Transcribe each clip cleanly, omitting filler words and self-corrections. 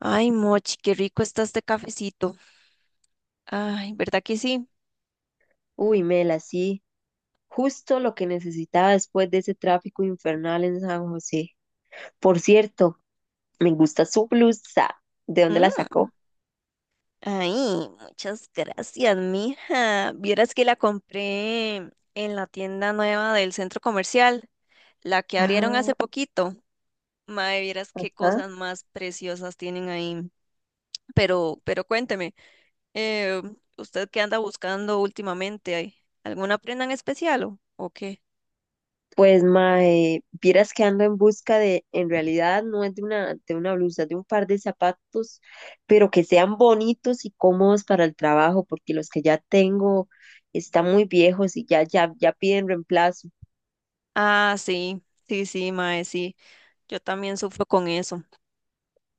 Ay, Mochi, qué rico está este cafecito. Ay, ¿verdad que sí? Uy, Mela, sí, justo lo que necesitaba después de ese tráfico infernal en San José. Por cierto, me gusta su blusa. ¿De dónde la Mm, sacó? ay, muchas gracias, mija. Vieras que la compré en la tienda nueva del centro comercial, la que abrieron hace Ah, poquito. Mae, vieras qué ah. cosas más preciosas tienen ahí. Pero cuénteme, eh, ¿usted qué anda buscando últimamente? ¿Hay ¿Alguna prenda en especial o qué? Pues, mae, vieras que ando en busca de, en realidad no es de una blusa, de un par de zapatos, pero que sean bonitos y cómodos para el trabajo, porque los que ya tengo están muy viejos y ya, ya, ya piden reemplazo. Ah, sí, sí, sí, mae, sí. Yo también sufro con eso.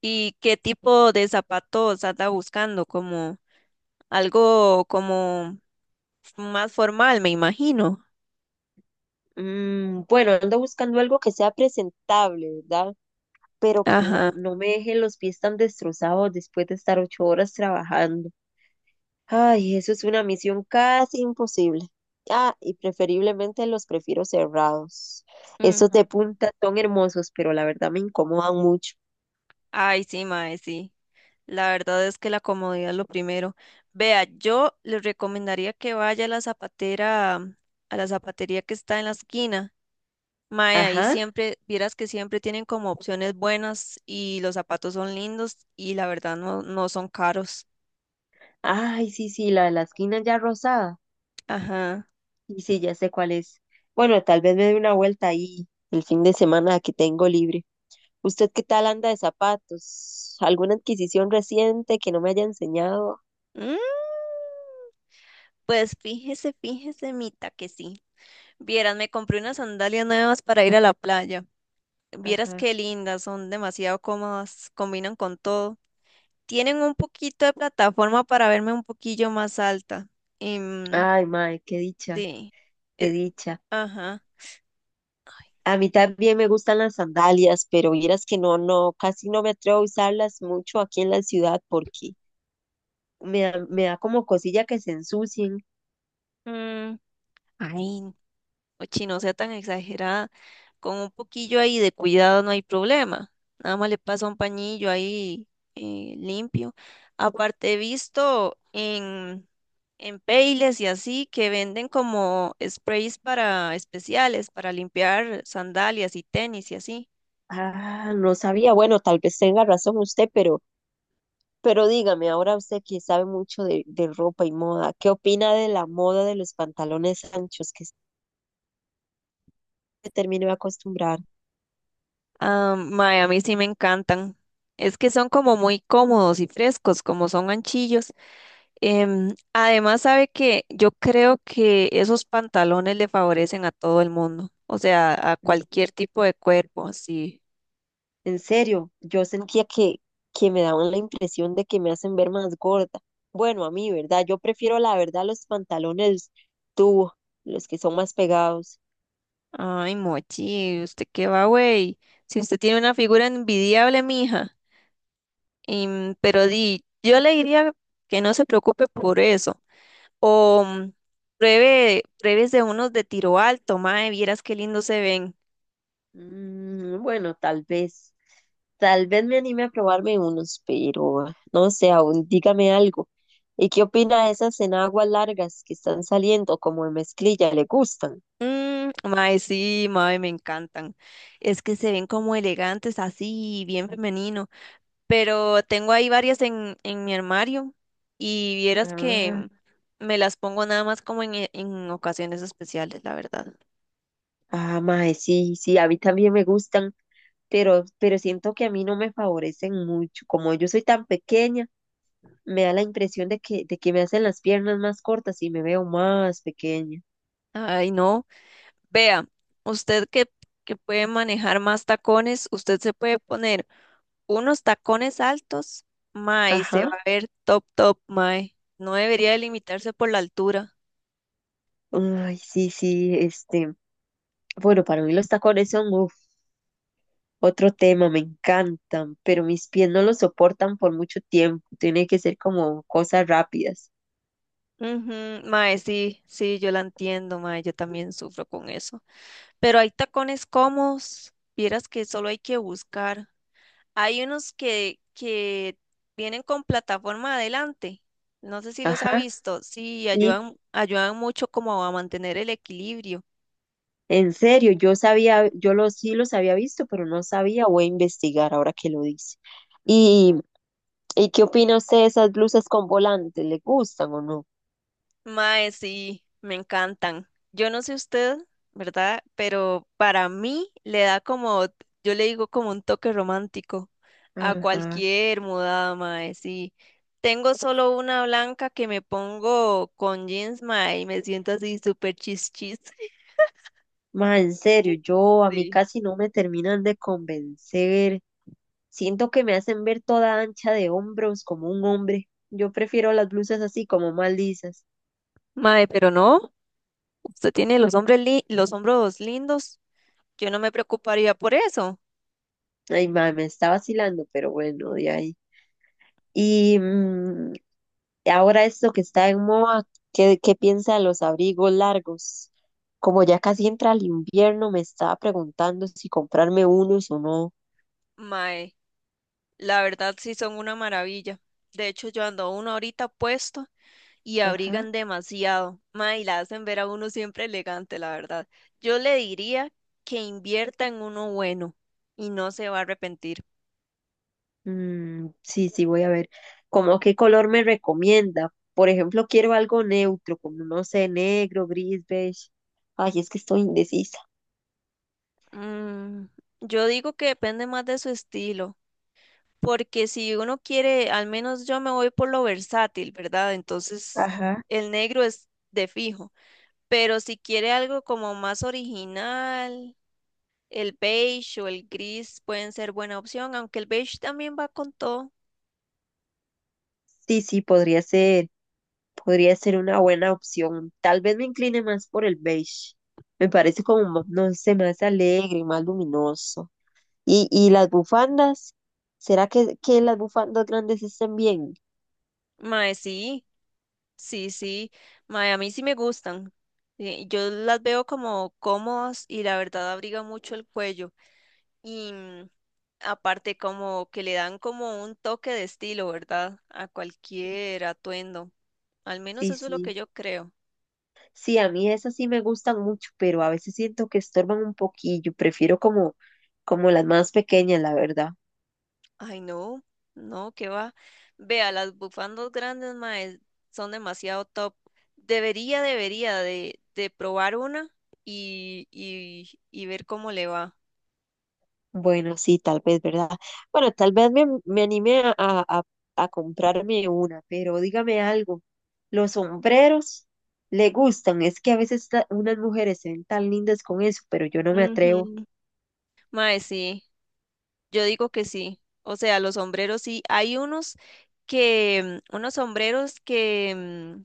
¿Y qué tipo de zapatos anda buscando? Como algo como más formal, me imagino. Bueno, ando buscando algo que sea presentable, ¿verdad? Pero que Ajá. no me dejen los pies tan destrozados después de estar 8 horas trabajando. Ay, eso es una misión casi imposible. Ah, y preferiblemente los prefiero cerrados. Mm. Esos de punta son hermosos, pero la verdad me incomodan mucho. Ay, sí, mae, sí. La verdad es que la comodidad es lo primero. Vea, yo le recomendaría que vaya a la zapatera, a la zapatería que está en la esquina. Mae, ahí Ajá. siempre, vieras que siempre tienen como opciones buenas y los zapatos son lindos y la verdad no, no son caros. Ay, sí, sí, la de la esquina ya rosada. Ajá. Y sí, ya sé cuál es. Bueno, tal vez me dé una vuelta ahí el fin de semana que tengo libre. ¿Usted qué tal anda de zapatos? ¿Alguna adquisición reciente que no me haya enseñado? Mm. Pues fíjese, Mita, que sí. Vieras, me compré unas sandalias nuevas para ir a la playa. Vieras Ajá. qué lindas, son demasiado cómodas, combinan con todo. Tienen un poquito de plataforma para verme un poquillo más alta. Em, Ay, mae, qué dicha, sí. qué Eh, dicha. ajá. A mí también me gustan las sandalias, pero vieras que no, casi no me atrevo a usarlas mucho aquí en la ciudad porque me da como cosilla que se ensucien. Mm, ay, Ochi, no sea tan exagerada. Con un poquillo ahí de cuidado no hay problema. Nada más le pasa un pañillo ahí limpio. Aparte, he visto en Payless y así que venden como sprays para especiales, para limpiar sandalias y tenis y así. Ah, no sabía. Bueno, tal vez tenga razón usted, pero dígame, ahora usted que sabe mucho de ropa y moda, ¿qué opina de la moda de los pantalones anchos que se terminó de acostumbrar? Ah, mae, a mí sí me encantan. Es que son como muy cómodos y frescos, como son anchillos. Además, sabe que yo creo que esos pantalones le favorecen a todo el mundo, o sea, a cualquier tipo de cuerpo, así. En serio, yo sentía que me daban la impresión de que me hacen ver más gorda. Bueno, a mí, ¿verdad? Yo prefiero la verdad los pantalones tubo, los que son más pegados. Ay, Mochi, ¿usted qué va, güey? Si usted tiene una figura envidiable, mija. Pero di, yo le diría que no se preocupe por eso. O mm, pruebe, pruebes de unos de tiro alto, mae, vieras qué lindos se ven. Bueno, tal vez me anime a probarme unos, pero ah, no sé, aún dígame algo. ¿Y qué opina de esas enaguas largas que están saliendo como de mezclilla? ¿Le gustan? Mm, mae, sí, mae, me encantan. Es que se ven como elegantes, así, bien femeninos. Pero tengo ahí varias en mi armario y vieras Ah, que me las pongo nada más como en ocasiones especiales, la verdad. ah, mae, sí, sí, a mí también me gustan. Pero siento que a mí no me favorecen mucho. Como yo soy tan pequeña, me da la impresión de que, me hacen las piernas más cortas y me veo más pequeña. Ay, no. Vea, usted que, que puede manejar más tacones, usted se puede poner unos tacones altos, mae, y se va Ajá. a ver top, top, mae. No debería de limitarse por la altura. Ay, sí, sí, este. Bueno, para mí los tacones son uf, otro tema, me encantan, pero mis pies no los soportan por mucho tiempo. Tiene que ser como cosas rápidas. Ujú, mae, sí, sí, yo la entiendo, mae, yo también sufro con eso. Pero hay tacones cómodos, vieras que solo hay que buscar. Hay unos que vienen con plataforma adelante. No sé si los ha Ajá. visto. Sí, Sí. ayudan, ayudan mucho como a mantener el equilibrio. En serio, yo sabía, sí los había visto, pero no sabía, voy a investigar ahora que lo dice. ¿Y, y qué opina usted de esas blusas con volantes? ¿Le gustan o no? Mae, sí, me encantan. Yo no sé usted, ¿verdad? Pero para mí le da como, yo le digo como un toque romántico a Ajá. cualquier mudada, mae, sí. Tengo solo una blanca que me pongo con jeans, mae, y me siento así súper chis chis. Ma, en serio, yo a mí Sí. casi no me terminan de convencer. Siento que me hacen ver toda ancha de hombros como un hombre. Yo prefiero las blusas así como más lisas. Mae, pero no. Usted tiene los los hombros lindos. Yo no me preocuparía por eso. Ay, ma, me está vacilando, pero bueno, de ahí. Y, ahora esto que está en moda, ¿qué piensa de los abrigos largos? Como ya casi entra el invierno, me estaba preguntando si comprarme unos o no. Mae, la verdad sí son una maravilla. De hecho, yo ando uno ahorita puesto y Ajá. abrigan demasiado. Mae, y la hacen ver a uno siempre elegante, la verdad. Yo le diría que invierta en uno bueno y no se va a arrepentir. Mm, sí, sí, voy a ver. ¿Cómo qué color me recomienda? Por ejemplo, quiero algo neutro, como no sé, negro, gris, beige. Ay, es que estoy indecisa. Mm, yo digo que depende más de su estilo, porque si uno quiere, al menos yo me voy por lo versátil, ¿verdad? Entonces, Ajá. el negro es de fijo. Pero si quiere algo como más original, el beige o el gris pueden ser buena opción, aunque el beige también va con todo. Sí, sí, podría ser una buena opción. Tal vez me incline más por el beige. Me parece como, no sé, más alegre, más luminoso. Y las bufandas, ¿será que las bufandas grandes estén bien? Mae, sí, sí, sí. Mae, a mí sí me gustan. Yo las veo como cómodas y la verdad abriga mucho el cuello. Y mm, aparte como que le dan como un toque de estilo, ¿verdad? A cualquier atuendo. Al menos Sí, eso es lo que sí. yo creo. Sí, a mí esas sí me gustan mucho, pero a veces siento que estorban un poquillo. Prefiero como las más pequeñas, la verdad. Ay, no, no, que va. Vea, las bufandas grandes, mae, son demasiado top. Debería de probar una y ver cómo le va. Bueno, sí, tal vez, ¿verdad? Bueno, tal vez me anime a comprarme una, pero dígame algo. Los sombreros le gustan. Es que a veces unas mujeres se ven tan lindas con eso, pero yo no me atrevo. Ujú. Mae, sí, yo digo que sí. O sea, los sombreros sí. Hay unos unos sombreros que, mm,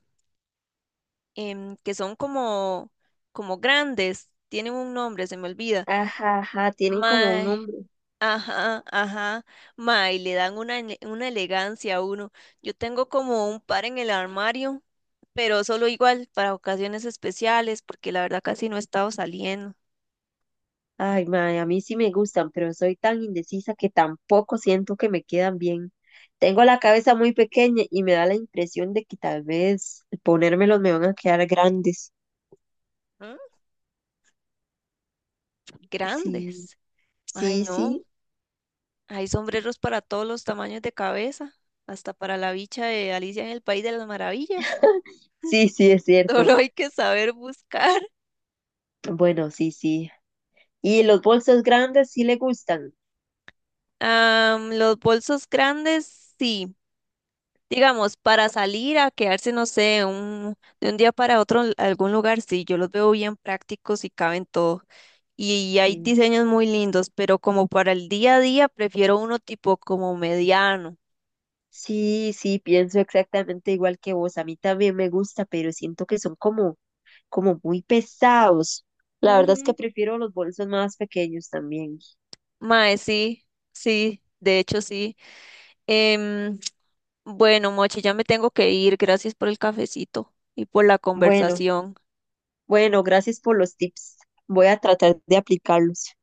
em, que son como, como grandes. Tienen un nombre, se me olvida. Ajá, ajá, tienen como un Mae, nombre. ajá, ajá. Ma, y le dan una, una elegancia a uno. Yo tengo como un par en el armario, pero solo igual para ocasiones especiales, porque la verdad casi no he estado saliendo. Ay, mae, a mí sí me gustan, pero soy tan indecisa que tampoco siento que me quedan bien. Tengo la cabeza muy pequeña y me da la impresión de que tal vez ponérmelos me van a quedar grandes. Mm, Sí, grandes. Ay, sí, no. sí, Hay sombreros para todos los tamaños de cabeza, hasta para la bicha de Alicia en el País de las Maravillas. sí, sí, es cierto. Solo hay que saber buscar. Bueno, sí, sí. ¿Y los bolsos grandes sí le gustan? Am, los bolsos grandes, sí. Digamos, para salir a quedarse, no sé, de un día para otro en algún lugar, sí, yo los veo bien prácticos y caben todo. Y, hay Sí, diseños muy lindos, pero como para el día a día, prefiero uno tipo como mediano. sí, sí, pienso exactamente igual que vos. A mí también me gusta, pero siento que son como muy pesados. La verdad es que Ujú. prefiero los bolsos más pequeños también. Mae, sí, sí, de hecho sí. Em, bueno, Mochi, ya me tengo que ir. Gracias por el cafecito y por la Bueno. conversación. Bueno, gracias por los tips. Voy a tratar de aplicarlos.